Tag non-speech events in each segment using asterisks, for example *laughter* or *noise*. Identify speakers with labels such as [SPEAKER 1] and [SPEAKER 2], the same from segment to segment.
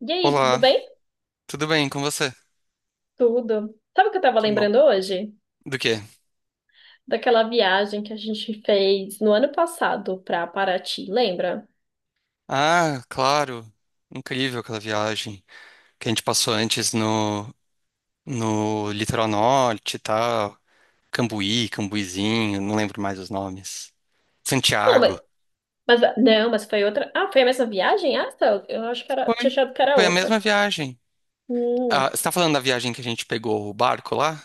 [SPEAKER 1] E aí, tudo
[SPEAKER 2] Olá,
[SPEAKER 1] bem?
[SPEAKER 2] tudo bem com você?
[SPEAKER 1] Tudo. Sabe o que eu tava
[SPEAKER 2] Que bom.
[SPEAKER 1] lembrando hoje?
[SPEAKER 2] Do quê?
[SPEAKER 1] Daquela viagem que a gente fez no ano passado pra Paraty, lembra?
[SPEAKER 2] Ah, claro. Incrível aquela viagem que a gente passou antes no Litoral Norte e tal. Cambuí, Cambuizinho, não lembro mais os nomes.
[SPEAKER 1] Não,
[SPEAKER 2] Santiago.
[SPEAKER 1] não, mas foi outra. Ah, foi a mesma viagem? Ah, tá. Eu acho que era, tinha
[SPEAKER 2] Foi.
[SPEAKER 1] achado que era
[SPEAKER 2] Foi a
[SPEAKER 1] outra.
[SPEAKER 2] mesma viagem.
[SPEAKER 1] Hum.
[SPEAKER 2] Ah, você tá falando da viagem que a gente pegou o barco lá?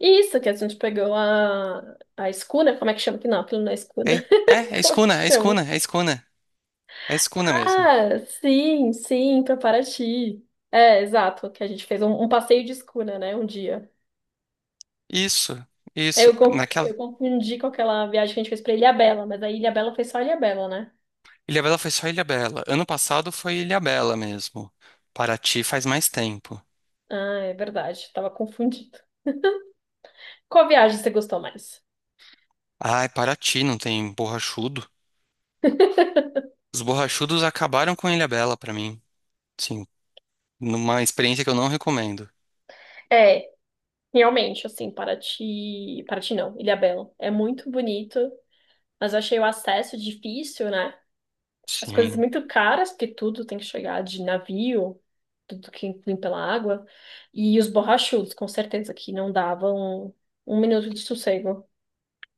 [SPEAKER 1] Isso que a gente pegou a escuna, como é que chama? Que não, aquilo não é
[SPEAKER 2] É,
[SPEAKER 1] escuna.
[SPEAKER 2] é
[SPEAKER 1] *laughs* Como é que
[SPEAKER 2] escuna, é
[SPEAKER 1] chama?
[SPEAKER 2] escuna, é escuna. É escuna mesmo.
[SPEAKER 1] Ah, sim, sim, pra Paraty. É, exato, que a gente fez um passeio de escuna, né, um dia.
[SPEAKER 2] Isso, isso.
[SPEAKER 1] Eu
[SPEAKER 2] Naquela.
[SPEAKER 1] confundi com aquela viagem que a gente fez pra Ilhabela, mas a Ilhabela foi só Ilhabela, né?
[SPEAKER 2] Ilhabela foi só Ilhabela. Ano passado foi Ilhabela mesmo. Paraty faz mais tempo.
[SPEAKER 1] Ah, é verdade, tava confundido. Qual viagem você gostou mais?
[SPEAKER 2] Ai, Paraty não tem borrachudo. Os borrachudos acabaram com Ilhabela pra mim. Sim, numa experiência que eu não recomendo.
[SPEAKER 1] É, realmente, assim, Paraty. Paraty não, Ilhabela. É muito bonito, mas eu achei o acesso difícil, né? As coisas
[SPEAKER 2] Sim.
[SPEAKER 1] muito caras, porque tudo tem que chegar de navio, tudo que vem pela água. E os borrachudos, com certeza, que não davam um minuto de sossego.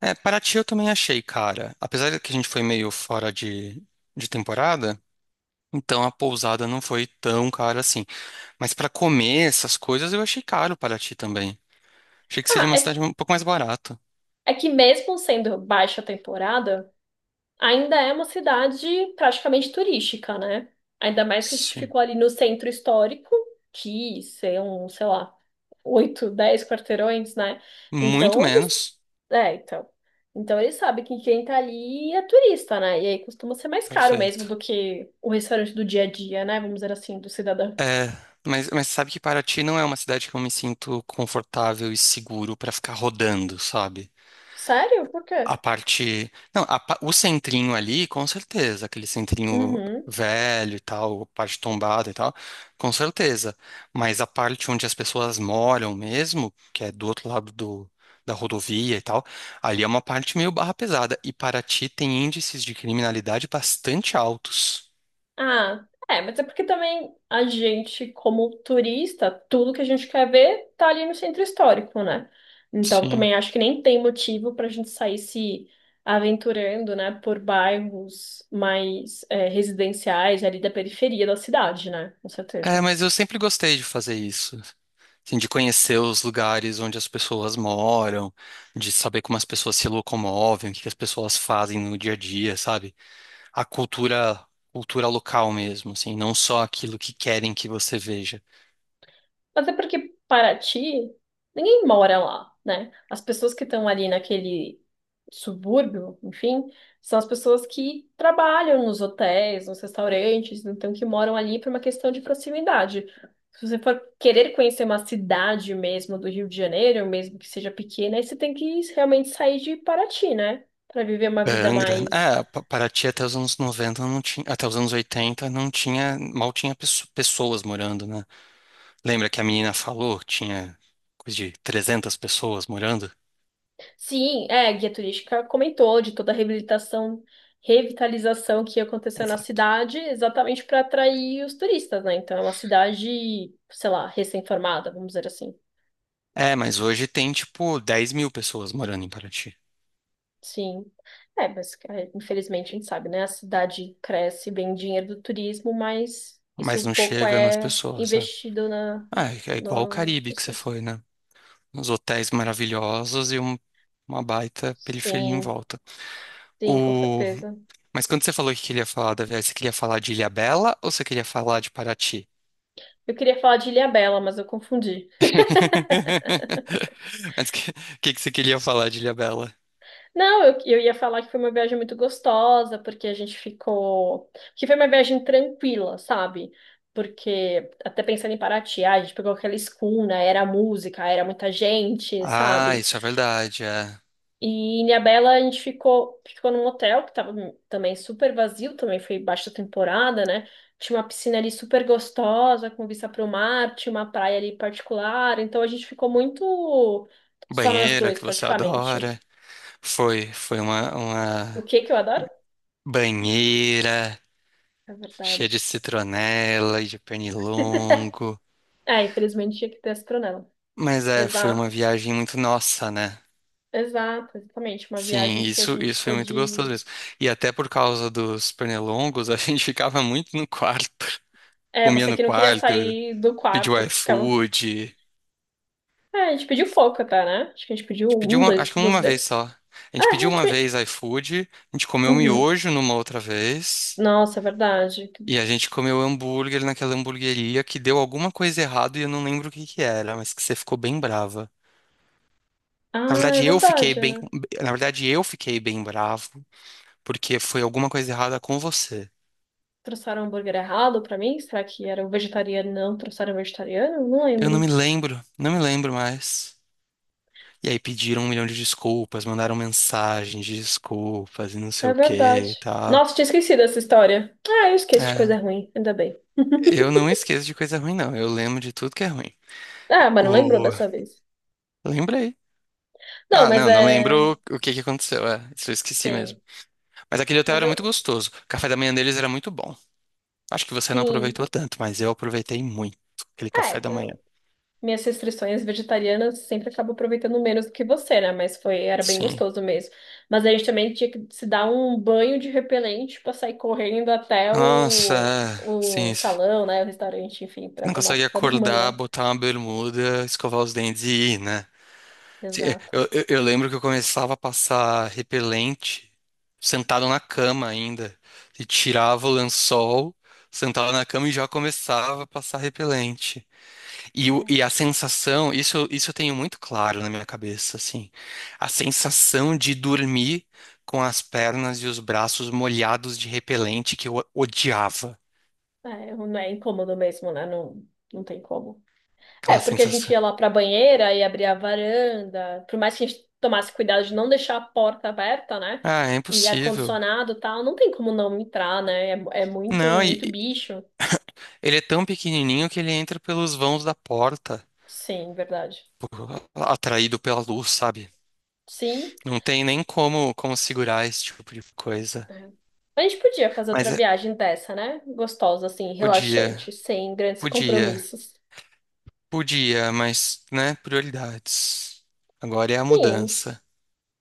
[SPEAKER 2] É, Paraty eu também achei, cara. Apesar de que a gente foi meio fora de temporada, então a pousada não foi tão cara assim. Mas pra comer essas coisas eu achei caro Paraty também. Achei que seria
[SPEAKER 1] Ah,
[SPEAKER 2] uma
[SPEAKER 1] é,
[SPEAKER 2] cidade um pouco mais barata.
[SPEAKER 1] é que mesmo sendo baixa temporada, ainda é uma cidade praticamente turística, né? Ainda mais que a gente
[SPEAKER 2] Sim.
[SPEAKER 1] ficou ali no centro histórico, que são, sei lá, 8, 10 quarteirões, né?
[SPEAKER 2] Muito
[SPEAKER 1] Então eles.
[SPEAKER 2] menos.
[SPEAKER 1] É, então. Então eles sabem que quem tá ali é turista, né? E aí costuma ser mais caro mesmo
[SPEAKER 2] Perfeito.
[SPEAKER 1] do que o restaurante do dia a dia, né? Vamos dizer assim, do cidadão.
[SPEAKER 2] É, mas sabe que Paraty não é uma cidade que eu me sinto confortável e seguro pra ficar rodando, sabe?
[SPEAKER 1] Sério? Por quê?
[SPEAKER 2] A parte. Não, o centrinho ali, com certeza. Aquele centrinho
[SPEAKER 1] Uhum.
[SPEAKER 2] velho e tal, parte tombada e tal, com certeza. Mas a parte onde as pessoas moram mesmo, que é do outro lado da rodovia e tal, ali é uma parte meio barra pesada. E Paraty tem índices de criminalidade bastante altos.
[SPEAKER 1] Ah, é, mas é porque também a gente, como turista, tudo que a gente quer ver tá ali no centro histórico, né? Então
[SPEAKER 2] Sim.
[SPEAKER 1] também acho que nem tem motivo pra gente sair se aventurando, né, por bairros mais residenciais ali da periferia da cidade, né? Com
[SPEAKER 2] É,
[SPEAKER 1] certeza.
[SPEAKER 2] mas eu sempre gostei de fazer isso. Assim, de conhecer os lugares onde as pessoas moram, de saber como as pessoas se locomovem, o que que as pessoas fazem no dia a dia, sabe? A cultura, cultura local mesmo, assim, não só aquilo que querem que você veja.
[SPEAKER 1] Mas é porque Paraty, ninguém mora lá, né? As pessoas que estão ali naquele subúrbio, enfim, são as pessoas que trabalham nos hotéis, nos restaurantes, então que moram ali por uma questão de proximidade. Se você for querer conhecer uma cidade mesmo do Rio de Janeiro, mesmo que seja pequena, aí você tem que realmente sair de Paraty, né? Para viver uma
[SPEAKER 2] É,
[SPEAKER 1] vida
[SPEAKER 2] Angra,
[SPEAKER 1] mais.
[SPEAKER 2] é, Paraty até os anos 90, não tinha, até os anos 80 não tinha, mal tinha pessoas morando, né? Lembra que a menina falou que tinha coisa de 300 pessoas morando?
[SPEAKER 1] Sim, é, a guia turística comentou de toda a reabilitação, revitalização que aconteceu na
[SPEAKER 2] Exato.
[SPEAKER 1] cidade, exatamente para atrair os turistas, né? Então é uma cidade, sei lá, recém-formada, vamos dizer assim.
[SPEAKER 2] É, mas hoje tem tipo 10 mil pessoas morando em Paraty.
[SPEAKER 1] Sim. É, mas é, infelizmente a gente sabe, né? A cidade cresce, vem dinheiro do turismo, mas isso
[SPEAKER 2] Mas
[SPEAKER 1] um
[SPEAKER 2] não
[SPEAKER 1] pouco
[SPEAKER 2] chega nas
[SPEAKER 1] é
[SPEAKER 2] pessoas, sabe?
[SPEAKER 1] investido na,
[SPEAKER 2] Ah, é igual o
[SPEAKER 1] nas
[SPEAKER 2] Caribe que você
[SPEAKER 1] pessoas.
[SPEAKER 2] foi, né? Os hotéis maravilhosos e uma baita periferia em
[SPEAKER 1] Sim,
[SPEAKER 2] volta.
[SPEAKER 1] sim, com
[SPEAKER 2] O…
[SPEAKER 1] certeza.
[SPEAKER 2] Mas quando você falou que queria falar da viagem, você queria falar de Ilhabela ou você queria falar de Paraty?
[SPEAKER 1] Eu queria falar de Ilhabela, mas eu confundi.
[SPEAKER 2] *laughs* Mas o que você queria falar de Ilhabela?
[SPEAKER 1] Não, eu ia falar que foi uma viagem muito gostosa, porque a gente ficou. Que foi uma viagem tranquila, sabe? Porque, até pensando em Paraty, a gente pegou aquela escuna, era música, era muita gente,
[SPEAKER 2] Ah,
[SPEAKER 1] sabe?
[SPEAKER 2] isso é verdade. É.
[SPEAKER 1] E em Ilhabela a gente ficou num hotel que tava também super vazio, também foi baixa temporada, né? Tinha uma piscina ali super gostosa, com vista para o mar, tinha uma praia ali particular, então a gente ficou muito só nós
[SPEAKER 2] Banheira
[SPEAKER 1] dois,
[SPEAKER 2] que você
[SPEAKER 1] praticamente.
[SPEAKER 2] adora. Foi, foi uma,
[SPEAKER 1] O
[SPEAKER 2] uma
[SPEAKER 1] que que eu adoro?
[SPEAKER 2] banheira
[SPEAKER 1] É
[SPEAKER 2] cheia de
[SPEAKER 1] verdade.
[SPEAKER 2] citronela e de pernilongo.
[SPEAKER 1] É, infelizmente tinha que ter astronauta.
[SPEAKER 2] Mas é, foi uma
[SPEAKER 1] Exato,
[SPEAKER 2] viagem muito nossa, né?
[SPEAKER 1] exato, exatamente. Uma
[SPEAKER 2] Sim,
[SPEAKER 1] viagem que a
[SPEAKER 2] isso,
[SPEAKER 1] gente
[SPEAKER 2] isso foi muito gostoso
[SPEAKER 1] pôde.
[SPEAKER 2] mesmo. E até por causa dos pernilongos, a *laughs* gente ficava muito no quarto,
[SPEAKER 1] É,
[SPEAKER 2] comia
[SPEAKER 1] você
[SPEAKER 2] no
[SPEAKER 1] que não queria
[SPEAKER 2] quarto,
[SPEAKER 1] sair do
[SPEAKER 2] pediu
[SPEAKER 1] quarto, que ficava.
[SPEAKER 2] iFood.
[SPEAKER 1] É, a gente pediu pouco até, né? Acho que a gente pediu
[SPEAKER 2] A gente pediu
[SPEAKER 1] um,
[SPEAKER 2] uma, acho
[SPEAKER 1] dois,
[SPEAKER 2] que
[SPEAKER 1] duas
[SPEAKER 2] uma vez
[SPEAKER 1] vezes.
[SPEAKER 2] só. A
[SPEAKER 1] É,
[SPEAKER 2] gente pediu
[SPEAKER 1] a gente.
[SPEAKER 2] uma
[SPEAKER 1] pe-
[SPEAKER 2] vez iFood, a gente comeu
[SPEAKER 1] Uhum.
[SPEAKER 2] miojo numa outra vez,
[SPEAKER 1] Nossa, é verdade.
[SPEAKER 2] e a gente comeu hambúrguer naquela hamburgueria que deu alguma coisa errada e eu não lembro o que que era, mas que você ficou bem brava. Na
[SPEAKER 1] Ah, é
[SPEAKER 2] verdade, eu fiquei
[SPEAKER 1] verdade,
[SPEAKER 2] bem,
[SPEAKER 1] né?
[SPEAKER 2] na verdade, eu fiquei bem bravo, porque foi alguma coisa errada com você.
[SPEAKER 1] Trouxeram o hambúrguer errado pra mim? Será que era o vegetariano? Não, trouxeram o vegetariano? Não
[SPEAKER 2] Eu não
[SPEAKER 1] lembro.
[SPEAKER 2] me lembro, não me lembro mais. E aí pediram um milhão de desculpas, mandaram mensagens de desculpas e não sei
[SPEAKER 1] É
[SPEAKER 2] o que
[SPEAKER 1] verdade.
[SPEAKER 2] e tal.
[SPEAKER 1] Nossa, tinha esquecido essa história. Ah, eu esqueço de
[SPEAKER 2] É,
[SPEAKER 1] coisa ruim, ainda bem. *laughs*
[SPEAKER 2] eu não esqueço de coisa ruim, não. Eu lembro de tudo que é ruim.
[SPEAKER 1] Ah, mas não lembrou
[SPEAKER 2] O…
[SPEAKER 1] dessa vez.
[SPEAKER 2] Lembrei.
[SPEAKER 1] Não,
[SPEAKER 2] Ah,
[SPEAKER 1] mas
[SPEAKER 2] não, não
[SPEAKER 1] é.
[SPEAKER 2] lembro o que que aconteceu. É, isso eu esqueci
[SPEAKER 1] Sim.
[SPEAKER 2] mesmo. Mas aquele hotel
[SPEAKER 1] Mas
[SPEAKER 2] era
[SPEAKER 1] eu,
[SPEAKER 2] muito gostoso. O café da manhã deles era muito bom. Acho que você não
[SPEAKER 1] sim.
[SPEAKER 2] aproveitou tanto, mas eu aproveitei muito aquele
[SPEAKER 1] Ah, é,
[SPEAKER 2] café da manhã.
[SPEAKER 1] minhas restrições vegetarianas sempre acabo aproveitando menos do que você, né? Mas foi, era bem
[SPEAKER 2] Sim.
[SPEAKER 1] gostoso mesmo. Mas a gente também tinha que se dar um banho de repelente pra sair correndo até
[SPEAKER 2] Nossa,
[SPEAKER 1] o,
[SPEAKER 2] é,
[SPEAKER 1] o
[SPEAKER 2] sim.
[SPEAKER 1] salão, né? O restaurante, enfim, pra
[SPEAKER 2] Não
[SPEAKER 1] tomar o
[SPEAKER 2] consegue
[SPEAKER 1] café da
[SPEAKER 2] acordar,
[SPEAKER 1] manhã.
[SPEAKER 2] botar uma bermuda, escovar os dentes e ir, né? Se- Eu,
[SPEAKER 1] Exato.
[SPEAKER 2] eu, eu lembro que eu começava a passar repelente sentado na cama ainda. E tirava o lençol, sentava na cama e já começava a passar repelente. E, o-
[SPEAKER 1] É,
[SPEAKER 2] e a sensação, isso eu tenho muito claro na minha cabeça, assim. A sensação de dormir com as pernas e os braços molhados de repelente que eu odiava.
[SPEAKER 1] é, não é incômodo mesmo, né? Não, não tem como. É,
[SPEAKER 2] Aquela
[SPEAKER 1] porque a gente
[SPEAKER 2] sensação.
[SPEAKER 1] ia lá pra banheira e abria a varanda, por mais que a gente tomasse cuidado de não deixar a porta aberta, né?
[SPEAKER 2] Ah, é
[SPEAKER 1] E
[SPEAKER 2] impossível.
[SPEAKER 1] ar-condicionado e tal, não tem como não entrar, né? É, é muito,
[SPEAKER 2] Não, e,
[SPEAKER 1] muito bicho.
[SPEAKER 2] Ele é tão pequenininho que ele entra pelos vãos da porta,
[SPEAKER 1] Sim, verdade.
[SPEAKER 2] *laughs* atraído pela luz, sabe?
[SPEAKER 1] Sim.
[SPEAKER 2] Não tem nem como, como segurar esse tipo de coisa.
[SPEAKER 1] É. A gente podia fazer
[SPEAKER 2] Mas
[SPEAKER 1] outra
[SPEAKER 2] é-
[SPEAKER 1] viagem dessa, né? Gostosa, assim,
[SPEAKER 2] podia,
[SPEAKER 1] relaxante, sem grandes
[SPEAKER 2] podia,
[SPEAKER 1] compromissos.
[SPEAKER 2] podia, mas, né, prioridades. Agora é a
[SPEAKER 1] Sim.
[SPEAKER 2] mudança.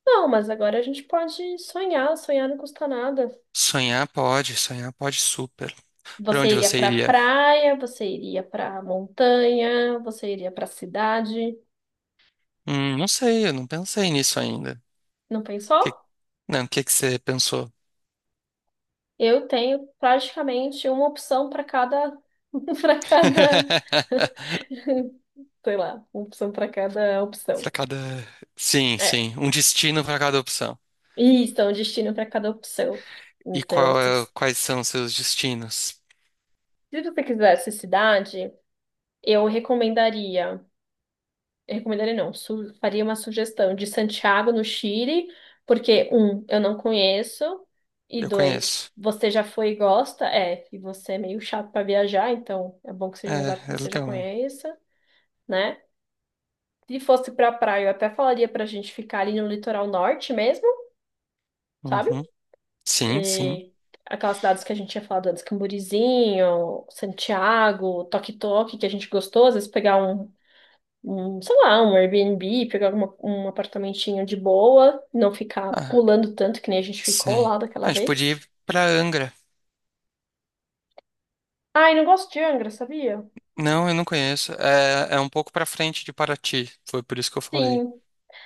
[SPEAKER 1] Não, mas agora a gente pode sonhar, sonhar não custa nada.
[SPEAKER 2] Sonhar pode super. Pra
[SPEAKER 1] Você
[SPEAKER 2] onde
[SPEAKER 1] iria
[SPEAKER 2] você
[SPEAKER 1] pra
[SPEAKER 2] iria?
[SPEAKER 1] praia, você iria pra montanha, você iria pra cidade.
[SPEAKER 2] Não sei, eu não pensei nisso ainda.
[SPEAKER 1] Não
[SPEAKER 2] Que-
[SPEAKER 1] pensou?
[SPEAKER 2] não, o que que você pensou?
[SPEAKER 1] Eu tenho praticamente uma opção para cada, *laughs* para cada,
[SPEAKER 2] *laughs*
[SPEAKER 1] *laughs* sei lá, uma opção para cada opção.
[SPEAKER 2] Pra cada. Sim,
[SPEAKER 1] É,
[SPEAKER 2] sim, um destino pra cada opção.
[SPEAKER 1] isso, é um destino para cada opção.
[SPEAKER 2] E
[SPEAKER 1] Então, se você
[SPEAKER 2] quais são seus destinos?
[SPEAKER 1] se você quisesse cidade, eu recomendaria, eu recomendaria não, faria uma sugestão de Santiago, no Chile, porque, um, eu não conheço, e
[SPEAKER 2] Eu
[SPEAKER 1] dois,
[SPEAKER 2] conheço.
[SPEAKER 1] você já foi e gosta, é, e você é meio chato para viajar, então é bom que seja um lugar que
[SPEAKER 2] É, é
[SPEAKER 1] você já
[SPEAKER 2] legal mesmo.
[SPEAKER 1] conheça, né? Se fosse pra praia, eu até falaria pra gente ficar ali no litoral norte mesmo, sabe?
[SPEAKER 2] Uhum. Sim, sim.
[SPEAKER 1] E aquelas cidades que a gente tinha falado antes, Camburizinho, Santiago, Toque-Toque, que a gente gostou, às vezes pegar sei lá, um Airbnb, pegar um apartamentinho de boa, não ficar
[SPEAKER 2] Ah,
[SPEAKER 1] pulando tanto que nem a gente ficou
[SPEAKER 2] sim.
[SPEAKER 1] lá
[SPEAKER 2] Ah,
[SPEAKER 1] daquela
[SPEAKER 2] a gente podia
[SPEAKER 1] vez.
[SPEAKER 2] ir pra Angra.
[SPEAKER 1] Ai, não gosto de Angra, sabia?
[SPEAKER 2] Não, eu não conheço. É, é um pouco pra frente de Paraty. Foi por isso que eu falei.
[SPEAKER 1] Sim.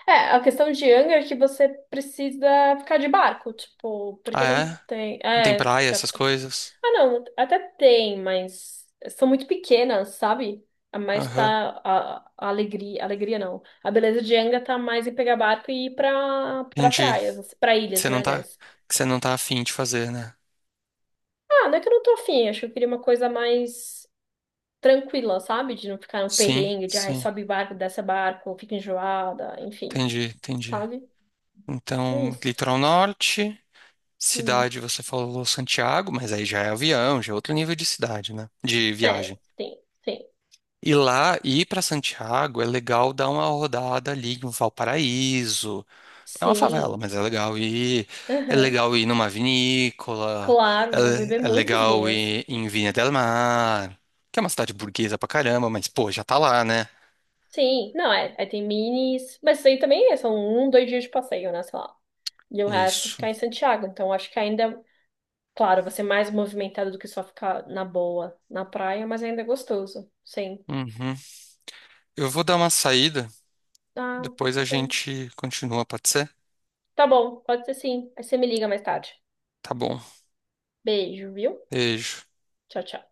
[SPEAKER 1] É, a questão de Angra é que você precisa ficar de barco, tipo,
[SPEAKER 2] Ah,
[SPEAKER 1] porque não
[SPEAKER 2] é?
[SPEAKER 1] tem.
[SPEAKER 2] Não tem
[SPEAKER 1] É.
[SPEAKER 2] praia,
[SPEAKER 1] Pra.
[SPEAKER 2] essas coisas?
[SPEAKER 1] Ah, não, até tem, mas são muito pequenas, sabe? A mais
[SPEAKER 2] Aham.
[SPEAKER 1] tá a alegria, alegria não. A beleza de Anga tá mais em pegar barco e ir pra
[SPEAKER 2] Entendi.
[SPEAKER 1] praias, assim, pra ilhas,
[SPEAKER 2] Você
[SPEAKER 1] né,
[SPEAKER 2] não tá,
[SPEAKER 1] aliás.
[SPEAKER 2] você não tá afim de fazer, né?
[SPEAKER 1] Ah, não é que eu não tô afim, acho que eu queria uma coisa mais tranquila, sabe? De não ficar no
[SPEAKER 2] Sim,
[SPEAKER 1] perrengue, de ai,
[SPEAKER 2] sim.
[SPEAKER 1] sobe barco, desce barco, fica enjoada, enfim,
[SPEAKER 2] Entendi, entendi.
[SPEAKER 1] sabe? É
[SPEAKER 2] Então,
[SPEAKER 1] isso.
[SPEAKER 2] litoral norte.
[SPEAKER 1] Hum.
[SPEAKER 2] Cidade, você falou Santiago, mas aí já é avião, já é outro nível de cidade, né? De
[SPEAKER 1] É,
[SPEAKER 2] viagem.
[SPEAKER 1] tem, tem.
[SPEAKER 2] E lá, ir para Santiago é legal dar uma rodada ali em Valparaíso. É uma favela,
[SPEAKER 1] Sim.
[SPEAKER 2] mas é legal ir. É
[SPEAKER 1] Aham.
[SPEAKER 2] legal ir numa vinícola.
[SPEAKER 1] Claro, vou beber
[SPEAKER 2] É, é
[SPEAKER 1] muitos
[SPEAKER 2] legal
[SPEAKER 1] vinhos.
[SPEAKER 2] ir em Viña del Mar, que é uma cidade burguesa pra caramba, mas pô, já tá lá, né?
[SPEAKER 1] Sim, não, é. Aí tem minis. Mas isso aí também é, são um, dois dias de passeio, né? Sei lá. E o resto é
[SPEAKER 2] Isso.
[SPEAKER 1] ficar em Santiago. Então acho que ainda, claro, vai ser mais movimentado do que só ficar na boa na praia, mas ainda é gostoso. Sim.
[SPEAKER 2] Uhum. Eu vou dar uma saída,
[SPEAKER 1] Ah,
[SPEAKER 2] depois
[SPEAKER 1] tá
[SPEAKER 2] a
[SPEAKER 1] bom.
[SPEAKER 2] gente continua, pode ser?
[SPEAKER 1] Tá bom, pode ser sim. Aí você me liga mais tarde.
[SPEAKER 2] Tá bom.
[SPEAKER 1] Beijo, viu?
[SPEAKER 2] Beijo.
[SPEAKER 1] Tchau, tchau.